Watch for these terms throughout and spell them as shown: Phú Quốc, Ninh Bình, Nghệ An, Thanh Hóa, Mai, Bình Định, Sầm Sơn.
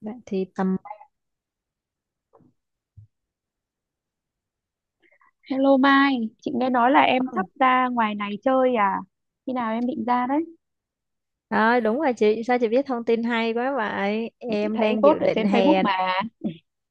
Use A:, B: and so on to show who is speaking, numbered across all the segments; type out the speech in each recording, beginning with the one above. A: Bạn thì tầm.
B: Hello Mai, chị nghe nói là em sắp
A: Ừ.
B: ra ngoài này chơi à? Khi nào em định ra đấy?
A: Rồi đúng rồi chị, sao chị biết thông tin hay quá vậy?
B: Chị
A: Em
B: thấy
A: đang
B: post
A: dự
B: ở
A: định
B: trên Facebook
A: hè
B: mà.
A: này.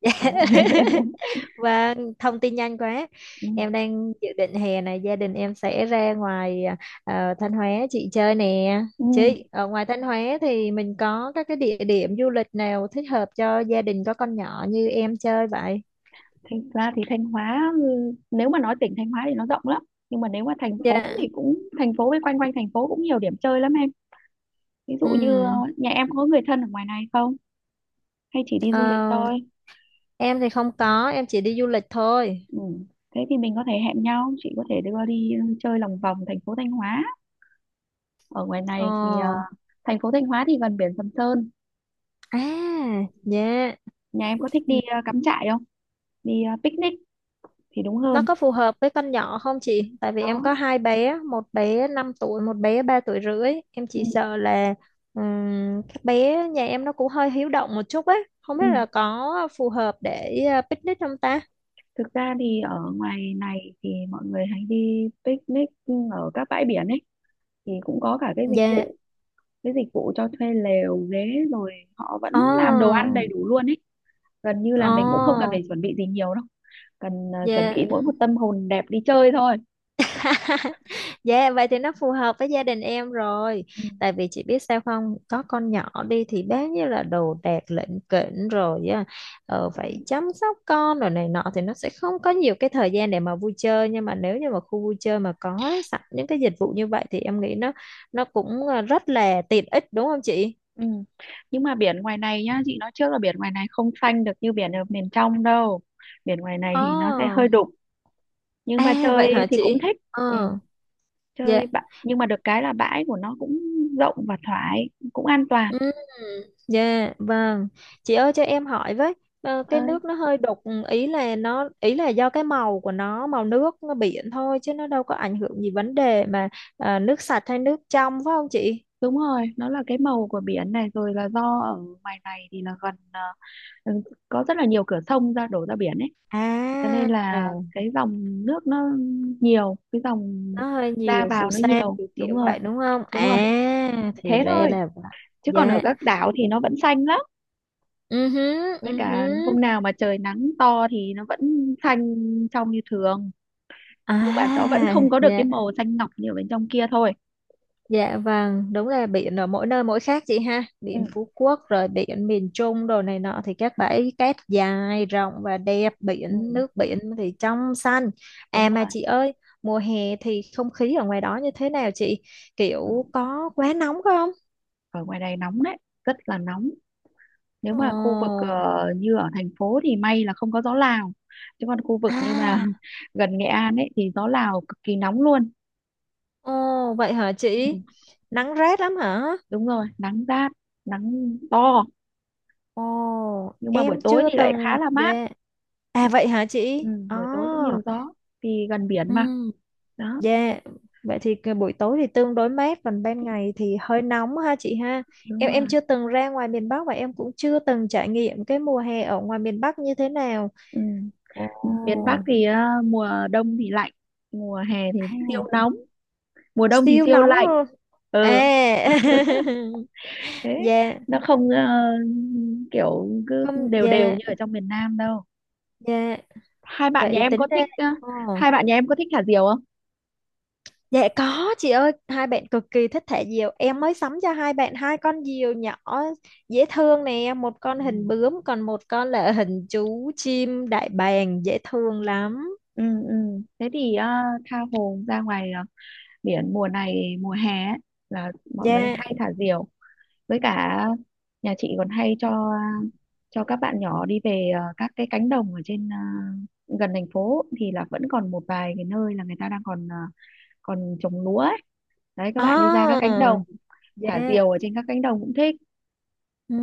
A: Và thông tin nhanh quá.
B: Ừ.
A: Em đang dự định hè này gia đình em sẽ ra ngoài Thanh Hóa chị chơi nè.
B: Ừ.
A: Chị, ở ngoài Thanh Hóa thì mình có các cái địa điểm du lịch nào thích hợp cho gia đình có con nhỏ như em chơi vậy?
B: Thành ra thì Thanh Hóa, ừ, nếu mà nói tỉnh Thanh Hóa thì nó rộng lắm. Nhưng mà nếu mà thành phố
A: Dạ.
B: thì thành phố với quanh quanh thành phố cũng nhiều điểm chơi lắm em. Ví dụ như
A: Ừ.
B: nhà em có người thân ở ngoài này không? Hay chỉ đi
A: Ờ,
B: du lịch thôi?
A: em thì không có, em chỉ đi du lịch thôi.
B: Ừ. Thế thì mình có thể hẹn nhau, chị có thể đưa đi chơi lòng vòng thành phố Thanh Hóa. Ở ngoài này
A: Ồ.
B: thì thành phố Thanh Hóa thì gần biển Sầm Sơn.
A: À, dạ.
B: Nhà em có thích
A: Ừ.
B: đi cắm trại không? Đi picnic thì đúng
A: Nó
B: hơn.
A: có phù hợp với con nhỏ không chị? Tại vì em
B: Đó.
A: có hai bé, một bé 5 tuổi, một bé 3 tuổi rưỡi. Em
B: Ừ.
A: chỉ sợ là các bé nhà em nó cũng hơi hiếu động một chút ấy. Không
B: Ừ.
A: biết là có phù hợp để picnic không ta?
B: Thực ra thì ở ngoài này thì mọi người hay đi picnic ở các bãi biển ấy, thì cũng có cả cái dịch
A: Dạ.
B: vụ, cái dịch vụ cho thuê lều ghế, rồi họ
A: Ồ,
B: vẫn làm đồ ăn đầy đủ luôn ấy. Gần như là mình cũng không cần
A: ồ,
B: phải chuẩn bị gì nhiều đâu, cần chuẩn bị
A: dạ.
B: mỗi một tâm hồn đẹp đi chơi thôi.
A: Dạ vậy thì nó phù hợp với gia đình em rồi.
B: Ừ.
A: Tại vì chị biết sao không? Có con nhỏ đi thì bao nhiêu là đồ đạc lỉnh kỉnh rồi á, phải
B: Đúng.
A: chăm sóc con rồi này nọ, thì nó sẽ không có nhiều cái thời gian để mà vui chơi. Nhưng mà nếu như mà khu vui chơi mà có sẵn những cái dịch vụ như vậy, thì em nghĩ nó cũng rất là tiện ích đúng không chị?
B: Ừ. Nhưng mà biển ngoài này nhá, chị nói trước là biển ngoài này không xanh được như biển ở miền trong đâu, biển ngoài này thì nó sẽ hơi
A: Ờ.
B: đục, nhưng mà
A: À vậy
B: chơi
A: hả
B: thì cũng
A: chị?
B: thích. Ừ,
A: Ờ, dạ.
B: nhưng mà được cái là bãi của nó cũng rộng và thoải, cũng an toàn.
A: Ừ, dạ vâng. Chị ơi cho em hỏi với, cái
B: Ơi,
A: nước nó hơi đục, ý là do cái màu của nó, màu nước nó biển thôi chứ nó đâu có ảnh hưởng gì vấn đề mà nước sạch hay nước trong phải không chị?
B: đúng rồi, nó là cái màu của biển này, rồi là do ở ngoài này thì là gần ừ, có rất là nhiều cửa sông ra, đổ ra biển ấy. Cho
A: À,
B: nên là cái dòng nước nó nhiều, cái dòng
A: nó hơi
B: ra
A: nhiều phù
B: vào nó
A: sa
B: nhiều.
A: kiểu
B: Đúng
A: kiểu
B: rồi,
A: vậy đúng không?
B: đúng rồi.
A: À, thì
B: Thế
A: ra
B: thôi,
A: là vậy.
B: chứ còn ở
A: Dạ.
B: các đảo thì nó vẫn xanh lắm.
A: Ừ hứ,
B: Với
A: ừ hứ.
B: cả hôm nào mà trời nắng to thì nó vẫn xanh trong như thường. Nhưng mà
A: À,
B: nó vẫn không có được cái
A: dạ.
B: màu xanh ngọc như ở bên trong kia thôi.
A: Dạ vâng, đúng là biển ở mỗi nơi mỗi khác chị ha.
B: Ừ,
A: Biển Phú Quốc rồi biển miền Trung đồ này nọ thì các bãi cát dài, rộng và đẹp, biển
B: ừ,
A: nước biển thì trong xanh.
B: đúng
A: À mà
B: rồi.
A: chị ơi, mùa hè thì không khí ở ngoài đó như thế nào chị?
B: Ờ,
A: Kiểu có quá nóng không?
B: ở ngoài này nóng đấy, rất là nóng. Nếu mà khu vực
A: Ồ,
B: như ở thành phố thì may là không có gió Lào, chứ còn khu vực như mà
A: à,
B: gần Nghệ An ấy thì gió Lào cực kỳ nóng luôn.
A: ồ vậy hả chị?
B: Ừ,
A: Nắng rát lắm hả?
B: đúng rồi, nắng rát, nắng to.
A: Ồ,
B: Nhưng mà buổi
A: em
B: tối
A: chưa
B: thì lại khá
A: từng
B: là mát.
A: dạ.
B: Ừ,
A: À vậy hả
B: ừ,
A: chị? Ồ.
B: buổi tối cũng nhiều gió, vì gần biển
A: Ừ.
B: mà. Đó,
A: Dạ, vậy thì cái buổi tối thì tương đối mát còn ban ngày thì hơi nóng ha chị ha.
B: đúng
A: Em
B: rồi.
A: chưa từng ra ngoài miền Bắc và em cũng chưa từng trải nghiệm cái mùa hè ở ngoài miền Bắc như thế nào.
B: Ừ.
A: Ồ,
B: Miền Bắc thì mùa đông thì lạnh, mùa hè thì
A: à,
B: siêu nóng, mùa đông thì
A: siêu
B: siêu
A: nóng
B: lạnh.
A: luôn.
B: Ừ,
A: À.
B: thế,
A: Dạ,
B: nó không kiểu cứ
A: không
B: đều đều
A: dạ,
B: như ở trong miền Nam đâu.
A: dạ.
B: hai bạn nhà
A: Vậy
B: em có
A: tính ra.
B: thích ờ,
A: Ồ.
B: Hai bạn nhà em có thích thả diều không?
A: Dạ có chị ơi, hai bạn cực kỳ thích thả diều. Em mới sắm cho hai bạn hai con diều nhỏ dễ thương nè, một con hình
B: Ừ.
A: bướm còn một con là hình chú chim đại bàng dễ thương lắm.
B: Ừ. Ừ. Thế thì tha hồ ra ngoài biển mùa này, mùa hè ấy, là mọi người
A: Dạ.
B: hay thả diều. Với cả nhà chị còn hay cho các bạn nhỏ đi về các cái cánh đồng ở trên, gần thành phố thì là vẫn còn một vài cái nơi là người ta đang còn còn trồng lúa ấy. Đấy, các bạn đi ra các
A: À,
B: cánh đồng, thả
A: dạ.
B: diều ở trên các cánh đồng cũng thích.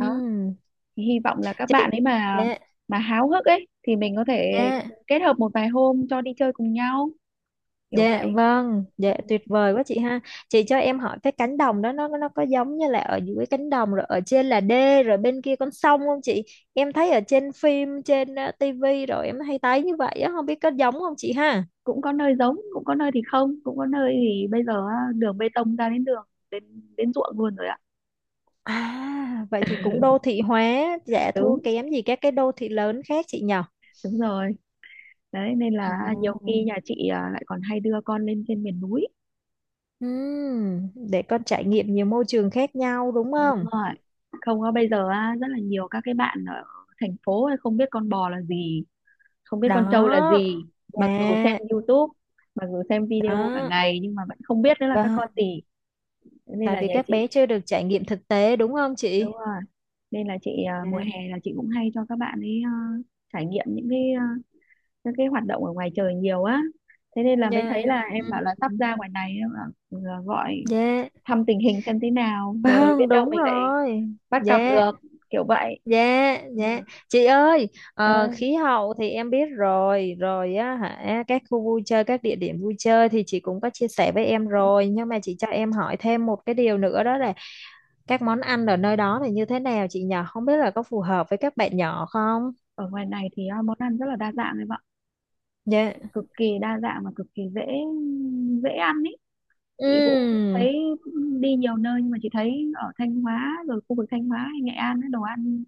B: Đó, thì hy vọng là các
A: Chị
B: bạn ấy mà
A: dạ.
B: mà háo hức ấy thì mình có thể
A: Dạ.
B: kết hợp một vài hôm cho đi chơi cùng nhau, kiểu
A: Dạ
B: vậy.
A: vâng,
B: Ừ.
A: dạ tuyệt vời quá chị ha. Chị cho em hỏi cái cánh đồng đó nó có giống như là ở dưới cánh đồng rồi ở trên là đê rồi bên kia con sông không chị? Em thấy ở trên phim trên tivi rồi em hay thấy như vậy á, không biết có giống không chị ha?
B: Cũng có nơi giống, cũng có nơi thì không, cũng có nơi thì bây giờ á, đường bê tông ra đến đường đến đến ruộng luôn rồi ạ.
A: À, vậy thì cũng đô thị hóa, dạ thua
B: Đúng,
A: kém gì các cái đô thị lớn khác chị nhở?
B: đúng rồi. Đấy nên là nhiều khi
A: Ồ.
B: nhà chị à, lại còn hay đưa con lên trên miền núi.
A: Để con trải nghiệm nhiều môi trường khác nhau đúng
B: Đúng
A: không?
B: rồi, không, có bây giờ á, rất là nhiều các cái bạn ở thành phố ấy không biết con bò là gì, không biết con trâu là
A: Đó,
B: gì. Mặc dù xem
A: dạ,
B: YouTube, mặc dù xem video cả
A: đó.
B: ngày nhưng mà vẫn không biết đấy là các con
A: Vâng,
B: gì. Nên
A: tại
B: là
A: vì
B: nhà
A: các bé
B: chị,
A: chưa được trải nghiệm thực tế đúng không
B: đúng
A: chị?
B: rồi, nên là chị à,
A: Dạ.
B: mùa hè là chị cũng hay cho các bạn ấy à, trải nghiệm những cái à, những cái hoạt động ở ngoài trời nhiều á. Thế nên là mới
A: Dạ.
B: thấy là em
A: Ừ.
B: bảo là sắp ra ngoài này, em bảo, à, gọi
A: Dạ.
B: thăm tình hình xem thế nào, rồi biết
A: Vâng,
B: đâu
A: đúng
B: mình lại
A: rồi.
B: bắt gặp
A: Dạ,
B: được, kiểu vậy.
A: dạ,
B: Ừ.
A: dạ. Chị ơi,
B: Ơi,
A: khí hậu thì em biết rồi, á hả, các khu vui chơi, các địa điểm vui chơi thì chị cũng có chia sẻ với em rồi, nhưng mà chị cho em hỏi thêm một cái điều nữa đó là các món ăn ở nơi đó thì như thế nào chị nhỏ, không biết là có phù hợp với các bạn nhỏ không?
B: ở ngoài này thì à, món ăn rất là đa dạng em ạ,
A: Dạ.
B: cực kỳ đa dạng và cực kỳ dễ dễ ăn ý. Chị cũng
A: Ừ.
B: thấy đi nhiều nơi nhưng mà chị thấy ở Thanh Hóa, rồi khu vực Thanh Hóa hay Nghệ An ấy, đồ ăn,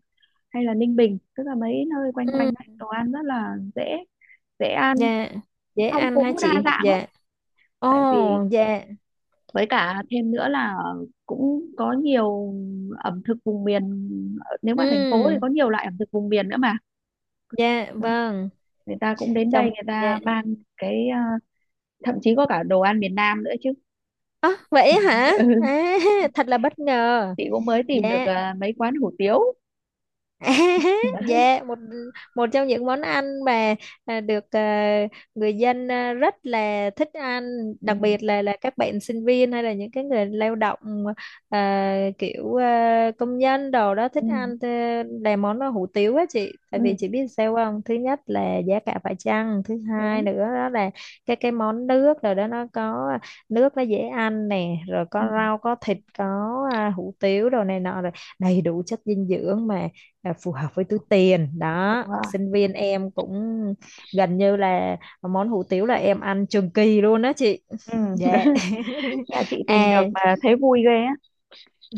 B: hay là Ninh Bình, tức là mấy nơi quanh quanh
A: Ừ.
B: ấy, đồ ăn rất là dễ dễ ăn,
A: Dạ. Dễ
B: phong
A: ăn hả
B: phú đa
A: chị?
B: dạng lắm.
A: Dạ. Ồ,
B: Tại vì
A: dạ.
B: với cả thêm nữa là cũng có nhiều ẩm thực vùng miền, nếu mà thành phố thì
A: Ừ,
B: có nhiều loại ẩm thực vùng miền nữa mà.
A: dạ,
B: Đó,
A: vâng.
B: người ta cũng đến đây,
A: Chồng,
B: người ta
A: dạ.
B: mang cái à, thậm chí có cả đồ ăn miền Nam nữa chứ.
A: À, vậy hả?
B: Ừ,
A: À, thật là bất ngờ.
B: chị cũng mới tìm được
A: Dạ,
B: à, mấy quán hủ tiếu. Đấy.
A: dạ, một một trong những món ăn mà được người dân rất là thích ăn,
B: Ừ.
A: đặc biệt là các bạn sinh viên hay là những cái người lao động kiểu công nhân đồ đó
B: Ừ.
A: thích ăn là món hủ tiếu á chị. Tại
B: Ừ.
A: vì chị biết sao không? Thứ nhất là giá cả phải chăng, thứ hai
B: Đúng.
A: nữa đó là cái món nước rồi đó nó có nước nó dễ ăn nè, rồi
B: Ừ.
A: có rau, có thịt, có hủ tiếu đồ này nọ rồi đầy đủ chất dinh dưỡng mà phù hợp với túi tiền
B: Đúng
A: đó
B: rồi.
A: sinh viên em cũng gần như là món hủ tiếu là em ăn trường kỳ luôn đó chị
B: Ừ.
A: dạ.
B: Nhà chị tìm được
A: À.
B: mà thấy vui ghê á.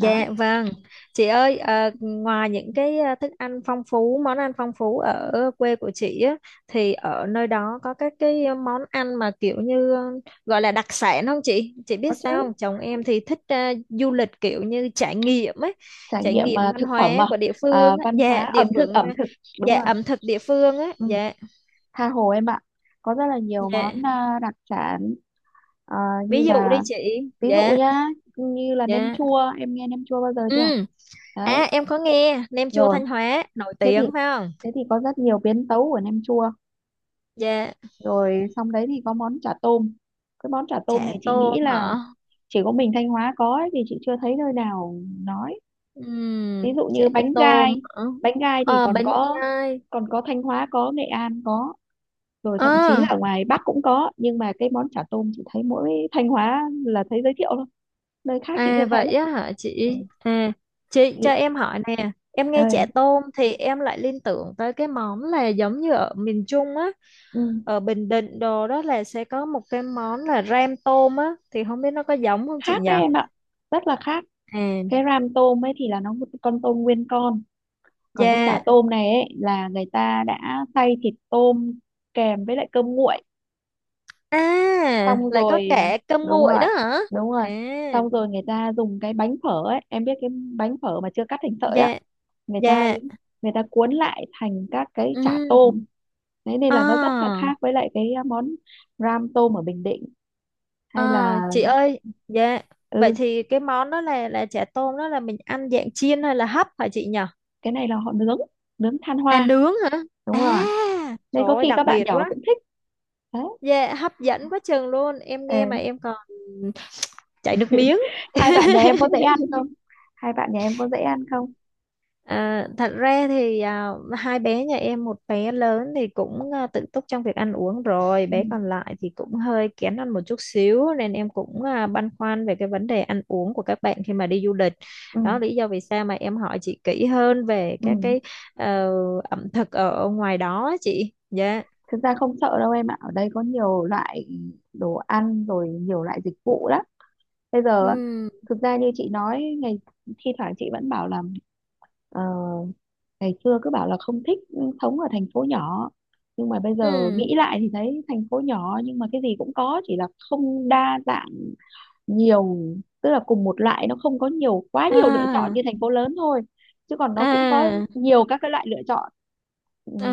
B: Đó,
A: vâng, chị ơi ngoài những cái thức ăn phong phú, món ăn phong phú ở quê của chị á, thì ở nơi đó có các cái món ăn mà kiểu như gọi là đặc sản không chị? Chị biết
B: có chứ.
A: sao không? Chồng em thì thích du lịch kiểu như trải nghiệm ấy,
B: Trải
A: trải
B: nghiệm
A: nghiệm
B: à,
A: văn
B: thực phẩm
A: hóa
B: mà,
A: của địa
B: à,
A: phương á,
B: văn hóa
A: dạ địa
B: ẩm thực,
A: phương,
B: ẩm thực, đúng
A: dạ
B: rồi.
A: ẩm thực địa phương á,
B: Ừ,
A: dạ
B: tha hồ em ạ, có rất là nhiều món
A: dạ.
B: à, đặc sản, à, như
A: Ví dụ đi
B: là,
A: chị,
B: ví dụ
A: dạ
B: nhá, như là nem
A: dạ.
B: chua, em nghe nem chua bao giờ chưa?
A: Ừ,
B: Đấy,
A: à em có nghe nem chua
B: rồi,
A: Thanh Hóa nổi
B: thế thì,
A: tiếng phải không?
B: thế thì có rất nhiều biến tấu của nem chua.
A: Dạ
B: Rồi xong đấy thì có món chả tôm. Cái món chả tôm
A: chả
B: này chị
A: tôm
B: nghĩ là
A: hả.
B: chỉ có mình Thanh Hóa có ấy, thì chị chưa thấy nơi nào nói.
A: Ừm,
B: Ví dụ
A: Chả
B: như bánh
A: tôm
B: gai,
A: hả.
B: bánh gai thì
A: Ờ
B: còn
A: bánh
B: có,
A: gai.
B: còn có Thanh Hóa có, Nghệ An có, rồi thậm chí
A: Ờ.
B: là ở ngoài Bắc cũng có, nhưng mà cái món chả tôm chỉ thấy mỗi Thanh Hóa là thấy giới thiệu thôi, nơi khác chị chưa
A: À
B: thấy.
A: vậy á hả
B: Ừ.
A: chị à. Chị cho
B: Nghĩ-
A: em hỏi nè em nghe chả
B: Ơi,
A: tôm thì em lại liên tưởng tới cái món là giống như ở miền Trung á,
B: ừ,
A: ở Bình Định đồ đó là sẽ có một cái món là ram tôm á thì không biết nó có giống không chị
B: khác
A: nhỉ?
B: đấy em ạ, rất là khác.
A: À,
B: Cái ram tôm ấy thì là nó một con tôm nguyên con, còn cái chả
A: dạ.
B: tôm này ấy là người ta đã xay thịt tôm kèm với lại cơm nguội,
A: À
B: xong
A: lại có
B: rồi à,
A: cả cơm
B: đúng
A: nguội
B: rồi,
A: đó hả?
B: đúng rồi,
A: À,
B: xong rồi người ta dùng cái bánh phở ấy, em biết cái bánh phở mà chưa cắt thành sợi á,
A: dạ,
B: người ta
A: dạ.
B: người ta cuốn lại thành các cái chả
A: Ừ.
B: tôm. Đấy nên là nó rất là khác
A: À.
B: với lại cái món ram tôm ở Bình Định, hay là,
A: À, chị ơi, dạ. Vậy
B: ừ,
A: thì cái món đó là chả tôm đó là mình ăn dạng chiên hay là hấp hả chị nhỉ?
B: cái này là họ nướng, nướng than
A: À
B: hoa.
A: nướng hả?
B: Đúng rồi,
A: À, trời
B: nên có
A: ơi
B: khi các
A: đặc
B: bạn
A: biệt
B: nhỏ
A: quá.
B: cũng thích. Đấy.
A: Dạ hấp dẫn quá chừng luôn. Em nghe mà
B: Ừ.
A: em còn chảy nước miếng.
B: Hai bạn nhà em có dễ ăn không? Hai bạn nhà em có dễ ăn không?
A: Thật ra thì hai bé nhà em một bé lớn thì cũng tự túc trong việc ăn uống rồi
B: Ừ.
A: bé còn lại thì cũng hơi kén ăn một chút xíu nên em cũng băn khoăn về cái vấn đề ăn uống của các bạn khi mà đi du lịch.
B: Ừ.
A: Đó lý do vì sao mà em hỏi chị kỹ hơn về
B: Ừ.
A: các cái ờ, ẩm thực ở ngoài đó á chị dạ.
B: Thực ra không sợ đâu em ạ, ở đây có nhiều loại đồ ăn, rồi nhiều loại dịch vụ lắm. Bây giờ á,
A: Ừ.
B: thực ra như chị nói, ngày, thi thoảng chị vẫn bảo là ờ, ngày xưa cứ bảo là không thích sống ở thành phố nhỏ, nhưng mà bây giờ
A: Ừ.
B: nghĩ lại thì thấy thành phố nhỏ nhưng mà cái gì cũng có, chỉ là không đa dạng nhiều, tức là cùng một loại nó không có nhiều, quá nhiều lựa chọn
A: À.
B: như thành phố lớn thôi, chứ còn nó cũng có
A: À.
B: nhiều các cái loại lựa chọn. Ừ,
A: À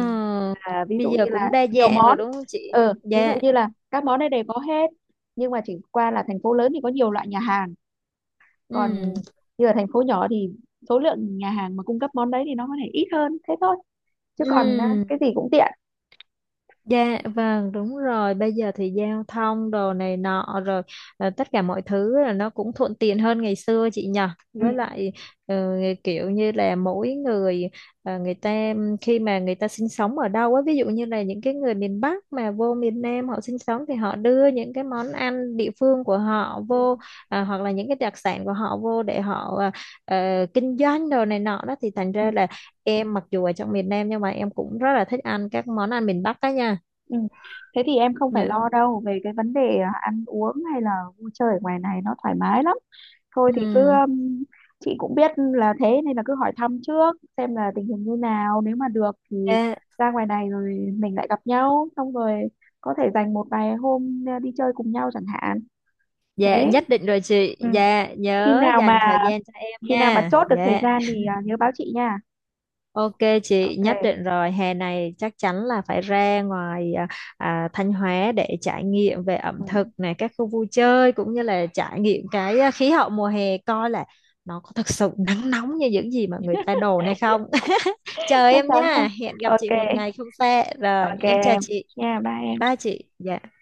B: là ví dụ
A: bây
B: như
A: giờ
B: là
A: cũng đa
B: nhiều
A: dạng rồi
B: món.
A: đúng không chị?
B: Ừ, ví dụ
A: Dạ.
B: như là các món này đều có hết, nhưng mà chỉ qua là thành phố lớn thì có nhiều loại nhà hàng, còn
A: Ừ.
B: như ở thành phố nhỏ thì số lượng nhà hàng mà cung cấp món đấy thì nó có thể ít hơn thế thôi, chứ còn à, cái
A: Ừ.
B: gì cũng tiện.
A: Dạ vâng đúng rồi bây giờ thì giao thông đồ này nọ rồi tất cả mọi thứ là nó cũng thuận tiện hơn ngày xưa chị nhờ,
B: Ừ.
A: với lại ờ, kiểu như là mỗi người người ta khi mà người ta sinh sống ở đâu á, ví dụ như là những cái người miền Bắc mà vô miền Nam họ sinh sống thì họ đưa những cái món ăn địa phương của họ
B: Ừ.
A: vô, hoặc là những cái đặc sản của họ vô để họ kinh doanh đồ này nọ đó thì thành
B: Ừ.
A: ra là em mặc dù ở trong miền Nam nhưng mà em cũng rất là thích ăn các món ăn miền Bắc đó nha.
B: Ừ. Thế thì em không phải
A: Dạ.
B: lo đâu về cái vấn đề à, ăn uống hay là vui chơi, ở ngoài này nó thoải mái lắm. Thôi thì cứ,
A: Ừm,
B: um, chị cũng biết là thế, nên là cứ hỏi thăm trước xem là tình hình như nào, nếu mà được thì
A: Dạ,
B: ra ngoài này rồi mình lại gặp nhau, xong rồi có thể dành một vài hôm à, đi chơi cùng nhau chẳng hạn. Thế.
A: dạ, nhất định rồi chị.
B: Ừ.
A: Dạ,
B: khi
A: nhớ
B: nào mà
A: dành thời gian cho em
B: khi nào mà
A: nha.
B: chốt được thời
A: Dạ.
B: gian thì à, nhớ báo chị nha.
A: Ok chị, nhất
B: Ok.
A: định rồi. Hè này chắc chắn là phải ra ngoài Thanh Hóa để trải nghiệm về ẩm
B: Ừ.
A: thực này, các khu vui chơi cũng như là trải nghiệm cái khí hậu mùa hè coi là nó có thực sự nắng nóng như những gì mà người ta đồn hay không. Chờ
B: Chắc
A: em
B: chắn rồi.
A: nha. Hẹn gặp chị một
B: Ok.
A: ngày không xa. Rồi,
B: Ok.
A: em chào chị.
B: Nha, bye em.
A: Bye chị. Dạ.